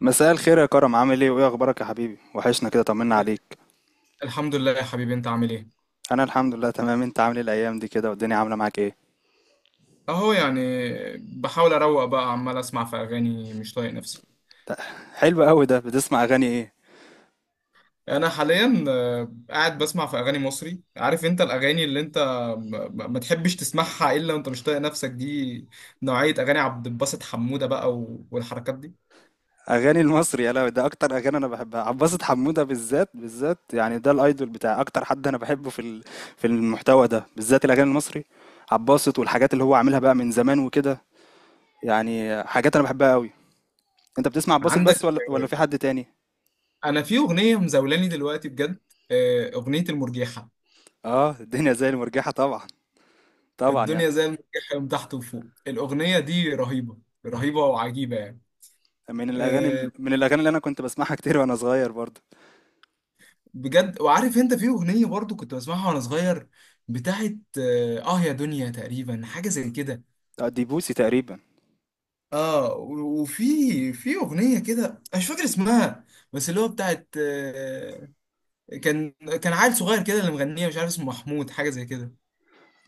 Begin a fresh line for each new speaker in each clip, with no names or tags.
مساء الخير يا كرم، عامل ايه وايه اخبارك يا حبيبي؟ وحشنا كده، طمنا عليك.
الحمد لله يا حبيبي، انت عامل ايه؟
انا الحمد لله تمام. انت عامل ايه الايام دي كده والدنيا عامله معاك ايه؟
اهو يعني. بحاول اروق بقى، عمال اسمع في اغاني، مش طايق نفسي.
حلو قوي، ده بتسمع اغاني ايه؟
انا حاليا قاعد بسمع في اغاني مصري. عارف انت الاغاني اللي انت ما تحبش تسمعها الا وانت مش طايق نفسك دي؟ نوعية اغاني عبد الباسط حمودة بقى والحركات دي.
اغاني المصري؟ يا لهوي، ده اكتر اغاني انا بحبها. عباسة حمودة بالذات بالذات يعني، ده الايدول بتاعي، اكتر حد انا بحبه في في المحتوى ده بالذات، الاغاني المصري. عباسة والحاجات اللي هو عاملها بقى من زمان وكده، يعني حاجات انا بحبها قوي. انت بتسمع عباسة بس
عندك،
ولا في حد تاني؟
انا في اغنية مزولاني دلوقتي بجد. اغنية المرجيحة.
اه، الدنيا زي المرجحة طبعا، طبعا يعني.
الدنيا زي المرجيحة من تحت وفوق، الاغنية دي رهيبة. رهيبة وعجيبة يعني.
من الاغاني
آه،
من الاغاني اللي انا كنت بسمعها كتير وانا صغير برضه.
بجد. وعارف انت في اغنيه برضو كنت بسمعها وانا صغير، بتاعت يا دنيا تقريبا، حاجه زي كده.
آه، دي بوسي تقريبا.
وفي اغنيه كده أنا مش فاكر اسمها، بس اللي هو بتاعت كان كان عيل صغير كده اللي مغنيه، مش عارف اسمه محمود، حاجه زي كده،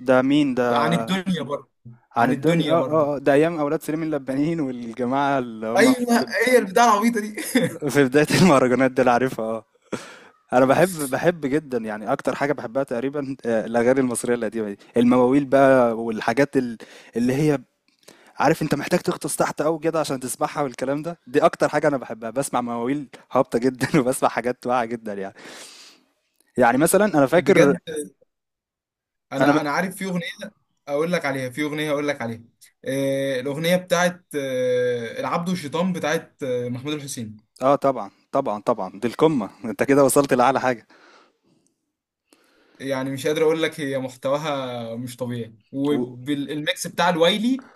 ده مين ده؟
عن الدنيا برضو.
عن
عن
الدنيا
الدنيا
اه
برضو،
اه آه، ده ايام اولاد سليم اللبانيين والجماعه اللي هم في
ايوه، هي البتاع العبيطه دي.
في بدايه المهرجانات دول، عارفها اه. انا بحب جدا، يعني اكتر حاجه بحبها تقريبا آه، الاغاني المصريه القديمه دي، المواويل بقى والحاجات اللي هي، عارف انت، محتاج تغطس تحت قوي كده عشان تسمعها والكلام ده. دي اكتر حاجه انا بحبها، بسمع مواويل هابطه جدا وبسمع حاجات واعيه جدا يعني. يعني مثلا انا فاكر،
بجد،
انا
انا عارف في اغنيه اقول لك عليها، في اغنيه اقول لك عليها. الاغنيه بتاعت العبد والشيطان، بتاعت محمود الحسين.
آه طبعًا، طبعًا، طبعًا، دي القمة. أنت كده وصلت لأعلى حاجة.
يعني مش قادر اقول لك، هي محتواها مش طبيعي،
و
والميكس بتاع الوايلي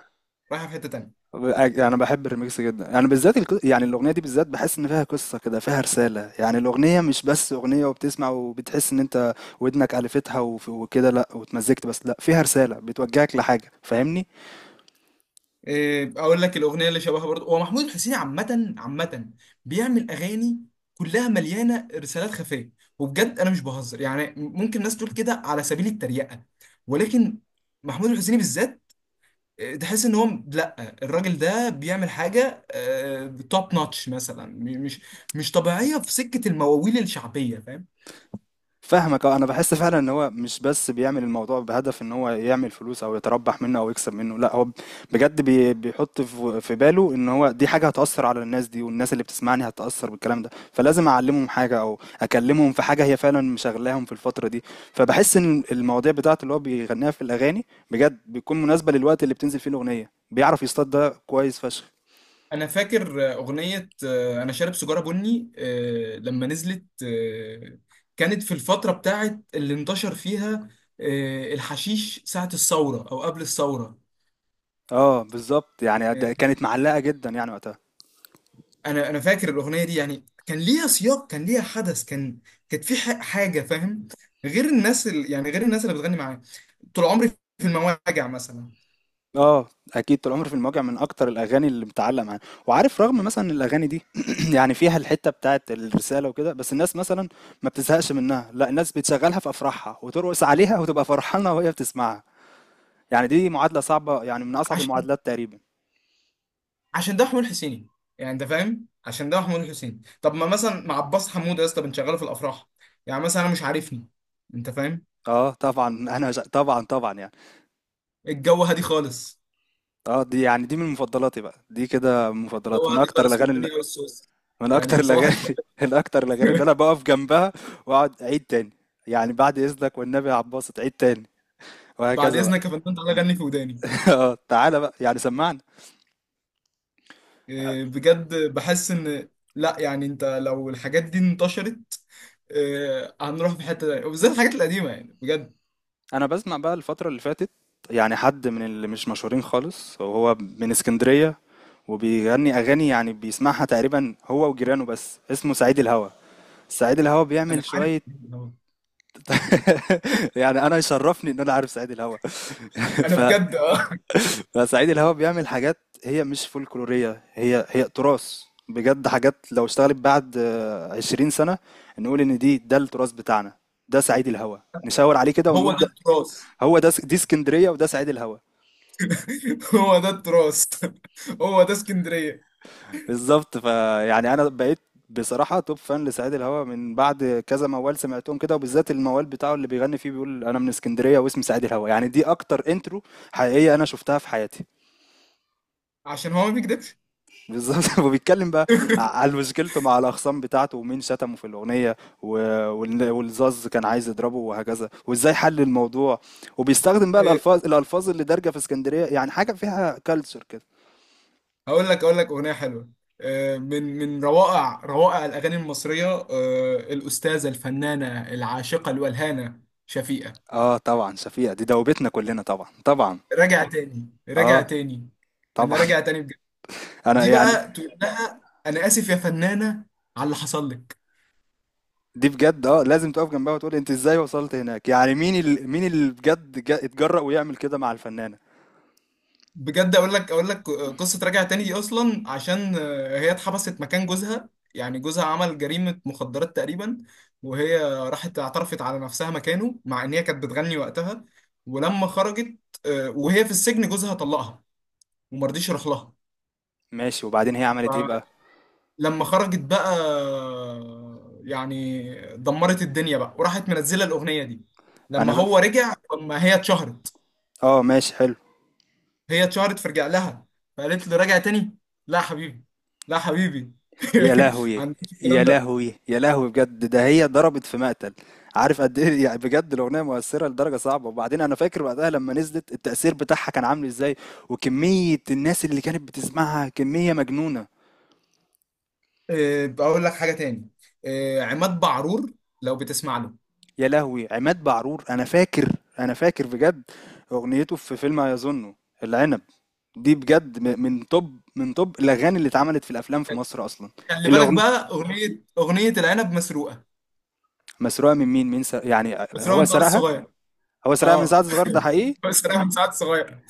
رايحه في حته تانيه.
أج، أنا باحب الRemix جدًا. أنا بالذات الق يعني، الأغنية دي بالذات باحس إن فيها قصة كده، فيها رسالة. يعني الأغنية مش بس أغنية وبتسمع وبتحس إن أنت ودنك ألفتها وف وكده لأ، واتمزجت بس لأ، فيها رسالة، بتوجهك لحاجة، فاهمني؟
إيه، اقول لك الاغنيه اللي شبهها برضه، هو محمود الحسيني عامه عامه بيعمل اغاني كلها مليانه رسالات خفيه. وبجد انا مش بهزر، يعني ممكن ناس تقول كده على سبيل التريقه، ولكن محمود الحسيني بالذات، إيه، تحس ان هو، لا، الراجل ده بيعمل حاجه توب نوتش مثلا، مش طبيعيه في سكه المواويل الشعبيه، فاهم؟
فاهمك اه. انا بحس فعلا ان هو مش بس بيعمل الموضوع بهدف ان هو يعمل فلوس او يتربح منه او يكسب منه. لا هو بجد بيحط في باله ان هو دي حاجه هتاثر على الناس دي، والناس اللي بتسمعني هتاثر بالكلام ده، فلازم اعلمهم حاجه او اكلمهم في حاجه هي فعلا مشغلاهم في الفتره دي. فبحس ان المواضيع بتاعته اللي هو بيغنيها في الاغاني بجد بيكون مناسبه للوقت اللي بتنزل فيه الاغنيه، بيعرف يصطاد ده كويس فشخ.
انا فاكر اغنيه انا شارب سيجاره بني، لما نزلت، كانت في الفتره بتاعت اللي انتشر فيها الحشيش، ساعه الثوره او قبل الثوره.
اه بالظبط، يعني
آه،
ده كانت معلقه جدا يعني وقتها.
انا فاكر الاغنيه دي، يعني كان ليها سياق، كان ليها حدث، كانت في حاجه، فاهم؟ غير الناس يعني غير الناس اللي بتغني معاه طول عمري، في المواجع مثلا.
اه، اكيد طول عمري في المواجع من اكتر الاغاني اللي متعلقه معايا. وعارف، رغم مثلا إن الاغاني دي يعني فيها الحته بتاعت الرساله وكده، بس الناس مثلا ما بتزهقش منها، لا الناس بتشغلها في افراحها وترقص عليها وتبقى فرحانه وهي بتسمعها. يعني دي معادله صعبه، يعني من اصعب المعادلات تقريبا.
عشان ده حمود حسيني، يعني انت فاهم، عشان ده حمود حسيني. طب ما مثلا مع عباس حمود يا اسطى، بنشغله في الافراح، يعني مثلا، انا مش عارفني، انت فاهم؟
اه طبعا انا طبعا طبعا يعني.
الجو هادي خالص،
اه دي يعني دي من مفضلاتي بقى، دي كده من
الجو
مفضلات، من
هادي
اكتر
خالص
الاغاني.
والدنيا والصوص،
من اكتر
يعني صباح
الاغاني
الفل.
الاكتر الاغاني اللي انا بقف جنبها واقعد اعيد تاني. يعني بعد اذنك والنبي يا عباس تعيد تاني،
بعد
وهكذا بقى.
اذنك يا فندم، تعالى غني في وداني.
آه، تعالى بقى يعني سمعنا.
إيه، بجد بحس ان، لا، يعني انت لو الحاجات دي انتشرت، إيه، هنروح في حته تانية، وبالذات الحاجات القديمه، يعني بجد.
انا بسمع بقى الفترة اللي فاتت يعني حد من اللي مش مشهورين خالص، وهو من اسكندرية، وبيغني اغاني يعني بيسمعها تقريبا هو وجيرانه بس، اسمه سعيد الهوى. سعيد الهوى
انا
بيعمل
عارف.
شوية يعني انا يشرفني ان انا عارف سعيد الهوى.
انا
ف...
بجد. اه
فسعيد الهوى بيعمل حاجات هي مش فولكلورية، هي تراث. بجد حاجات لو اشتغلت بعد 20 سنة نقول ان دي ده التراث بتاعنا. ده سعيد الهوى، نشاور عليه كده
هو
ونقول
ده التراث.
هو ده. دي اسكندريه وده سعيد الهوى.
هو ده التراث. هو ده اسكندريه.
بالظبط. فيعني انا بقيت بصراحه توب فان لسعيد الهوى من بعد كذا موال سمعتهم كده، وبالذات الموال بتاعه اللي بيغني فيه، بيقول انا من اسكندريه واسمي سعيد الهوى. يعني دي اكتر انترو حقيقيه انا شفتها في حياتي.
عشان هو ما بيكدبش.
بالظبط وبيتكلم بقى على مشكلته مع الاخصام بتاعته، ومين شتمه في الاغنيه و- والزاز كان عايز يضربه وهكذا، وازاي حل الموضوع. وبيستخدم بقى
آه،
الالفاظ اللي دارجه في اسكندريه، يعني حاجه فيها كالتشر كده.
هقول لك اغنيه حلوه، من روائع روائع الاغاني المصريه، الاستاذه الفنانه العاشقه الولهانه شفيقه.
آه طبعًا شفيقة، دي دوّبتنا كلّنا طبعًا، طبعًا،
راجع تاني، راجع
آه،
تاني. انا
طبعًا،
راجع تاني بجد.
أنا
دي
يعني
بقى تقول لها انا اسف يا فنانه على اللي حصل لك.
دي بجد آه، لازم تُقف جنبها وتقول أنتِ إزاي وصلتِ هناك. يعني مين ال مين اللي بجد ج اتجرأ ويعمل كده مع الفنانة؟
بجد، اقول لك قصه راجع تاني دي. اصلا عشان هي اتحبست مكان جوزها، يعني جوزها عمل جريمه مخدرات تقريبا، وهي راحت اعترفت على نفسها مكانه، مع ان هي كانت بتغني وقتها. ولما خرجت، وهي في السجن، جوزها طلقها ومرضيش يروح لها.
ماشي، وبعدين هي عملت إيه بقى؟
فلما خرجت بقى، يعني دمرت الدنيا بقى، وراحت منزله الاغنيه دي. لما
أنا ف
هو رجع، لما هي اتشهرت،
آه ماشي حلو.
هي اتشهرت فرجع لها، فقالت له: راجع تاني؟ لا حبيبي، لا حبيبي.
يا لهوي!
عندك
يا
الكلام ده.
لهوي! يا لهوي بجد، ده هي ضربت في مقتل. عارف قد إيه يعني بجد الأغنية مؤثّرة لدرجة صعبة؟ وبعدين أنا فاكر وقتها لمّا نزلت التأثير بتاعها كان عامل إزاي، وكمية الناس اللي كانت بتسمعها كمية مجنونة.
بقول لك حاجه تاني. عماد بعرور، لو بتسمع له.
يا لهوي، عماد بعرور، انا فاكر، انا فاكر بجد اغنيته في فيلم يظن، العنب. دي بجد من توب، من توب الاغاني اللي اتعملت في الافلام في مصر اصلا.
خلي بالك
الاغنيه
بقى، اغنيه العنب مسروقه.
مسروقه من مين؟ مين؟ يعني
مسروقه
هو
من سعد
سرقها؟
الصغير.
هو سرقها من
اه.
سعد صغير ده حقيقي؟
مسروقه من سعد الصغير.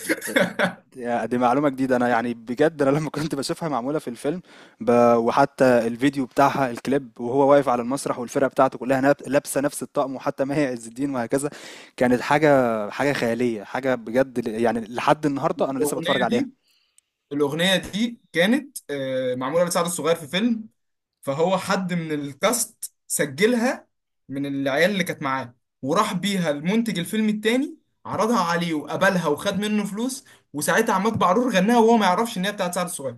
يا، دي معلومة جديدة. أنا يعني بجد أنا لما كنت بشوفها معمولة في الفيلم ب... وحتى الفيديو بتاعها الكليب، وهو واقف على المسرح والفرقة بتاعته كلها لابسة نفس الطقم، وحتى ماهي عز الدين وهكذا، كانت حاجة، حاجة خيالية، حاجة بجد يعني لحد النهاردة أنا لسه بتفرج
الاغنيه
عليها.
دي الاغنيه دي كانت معموله لسعد الصغير في فيلم، فهو حد من الكاست سجلها، من العيال اللي كانت معاه، وراح بيها المنتج الفيلم التاني، عرضها عليه وقبلها، وخد منه فلوس. وساعتها عماد بعرور غناها وهو ما يعرفش ان هي بتاعت سعد الصغير.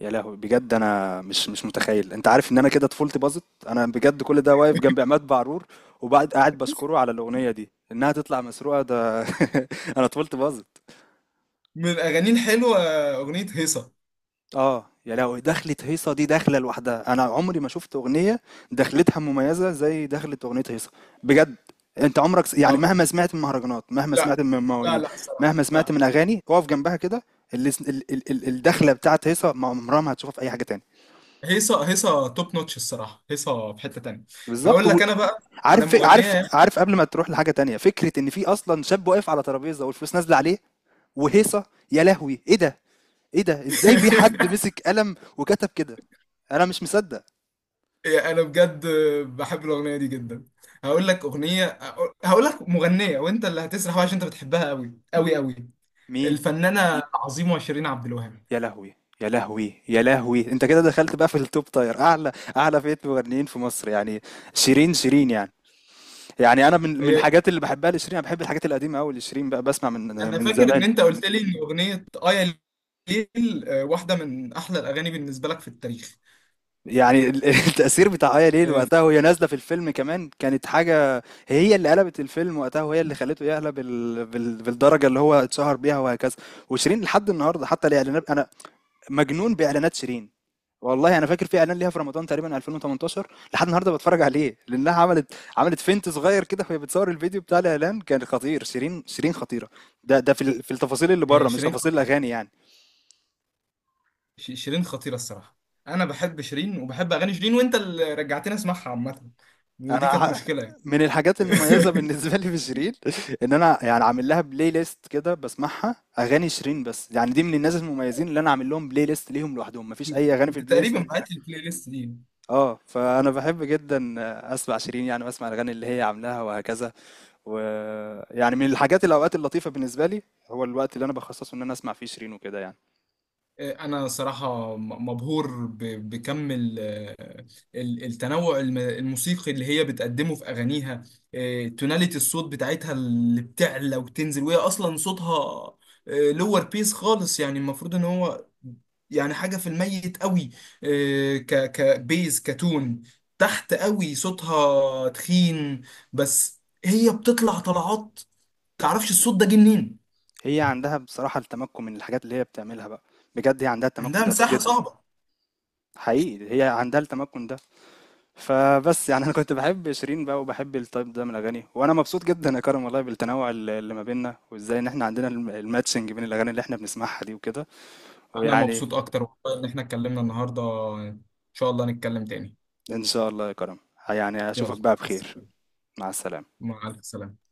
يا لهوي بجد، أنا مش متخيل. أنت عارف إن أنا كده طفولتي باظت؟ أنا بجد كل ده واقف جنب عماد بعرور وبعد قاعد بشكره على الأغنية دي إنها تطلع مسروقة ده! أنا طفولتي باظت.
من الاغاني الحلوه، اغنيه هيصه.
آه، يا لهوي، دخلة هيصة دي دخلة لوحدها. أنا عمري ما شُفت أغنية دخلتها مميزة زي دخلة أغنية هيصة، بجد. أنت عمرك س يعني
طب
مهما سمعت من مهرجانات، مهما
لا،
سمعت من
لا،
مواويل،
لا، الصراحه
مهما سمعت
لا.
من أغاني، أقف جنبها كده. اللي س ال ال ال الدخلة بتاعة هيصة ما عمرها ما هتشوفها في أي حاجة تاني.
هيصه، هيصه توب نوتش الصراحه، هيصه في حته تانيه.
بالضبط.
هقول
و
لك انا بقى على
عارف ف عارف
مغنيه.
عارف قبل ما تروح لحاجة تانية، فكرة إن في أصلًا شاب واقف على ترابيزة والفلوس نازلة عليه وهيصة! يا لهوي! إيه ده، إيه ده، إزاي في حد مسك قلم وكتب كده؟ أنا مش مصدق.
يا، انا بجد بحب الاغنيه دي جدا. هقول لك اغنيه، هقول لك مغنيه، وانت اللي هتسرح بقى عشان انت بتحبها قوي قوي قوي:
مين؟
الفنانه عظيمه شيرين عبد الوهاب.
يا لهوي، يا لهوي، يا لهوي، انت كده دخلت بقى في التوب تاير، اعلى اعلى فئة مغنيين في مصر يعني. شيرين، شيرين يعني. يعني انا من
هي-
الحاجات اللي بحبها لشيرين، انا بحب الحاجات القديمة قوي لشيرين بقى، بسمع من
انا
من
فاكر ان
زمان.
انت قلت لي ان اغنيه يا ليل، واحده من احلى الاغاني بالنسبه لك في التاريخ.
يعني التأثير بتاع آية ليل
آه،
وقتها
ف-
وهي نازلة في الفيلم كمان كانت حاجة. هي اللي قلبت الفيلم وقتها، وهي اللي خلته يعلى بالدرجة اللي هو اتشهر بيها وهكذا. وشيرين لحد النهاردة، حتى الإعلانات أنا مجنون بإعلانات شيرين. والله أنا فاكر في إعلان ليها في رمضان تقريبًا 2018 لحد النهارده باتفرّج عليه، لأنها عملت فينت صغير كده وهي بتصوّر الفيديو بتاع الإعلان كان خطير. شيرين، شيرين خطيرة. ده في في التفاصيل اللي برّه،
هي
مش
شيرين
تفاصيل
خطيرة.
الأغاني يعني.
شيرين خطيره الصراحه. انا بحب شيرين وبحب اغاني شيرين، وانت اللي رجعتني اسمعها عامه، ودي
أنا
كانت
ح
مشكله يعني.
من الحاجات المميزة بالنسبة لي في شيرين إن أنا يعني عامل لها Play list كده، باسمعها أغاني شيرين بس. يعني دي من الناس المميزين اللي أنا عامل لهم Play list ليهم لوحدهم، ما فيش أي أغاني في
انت
الPlay list
تقريبا
دي.
بعت لي البلاي ليست دي.
آه، فأنا باحب جدًا أسمع شيرين يعني، وأسمع الأغاني اللي هي عاملاها وهكذا. ويعني من الحاجات، الأوقات اللطيفة بالنسبة لي هو الوقت اللي أنا بخصصه إن أنا أسمع فيه شيرين وكده يعني.
انا صراحه مبهور بكم التنوع الموسيقي اللي هي بتقدمه في اغانيها. إيه، توناليتي الصوت بتاعتها اللي بتعلى وتنزل، وهي اصلا صوتها لور بيس خالص، يعني المفروض ان هو يعني حاجه في الميت قوي. إيه، كبيز كتون، تحت قوي، صوتها تخين، بس هي بتطلع طلعات، تعرفش الصوت ده جه منين.
هي عندها بصراحة التمكن من الحاجات اللي هي بتعملها بقى. بجد هي عندها التمكن
عندها
ده
مساحه
جدا،
صعبه.
حقيقي هي عندها التمكن ده. فبس يعني أنا كنت بحب شيرين بقى وبحب التايب ده من الأغاني، وأنا مبسوط جدا يا كرم والله بالتنوع اللي ما بيننا، وإزاي إن إحنا عندنا الماتشنج بين الأغاني اللي إحنا بنسمعها دي وكده
انا
ويعني.
مبسوط اكتر والله ان احنا اتكلمنا النهارده. ان شاء الله نتكلم تاني.
إن شاء الله يا كرم، يعني
يلا، مع
أشوفك بقى بخير.
السلامة.
مع السلامة
مع الف سلامة.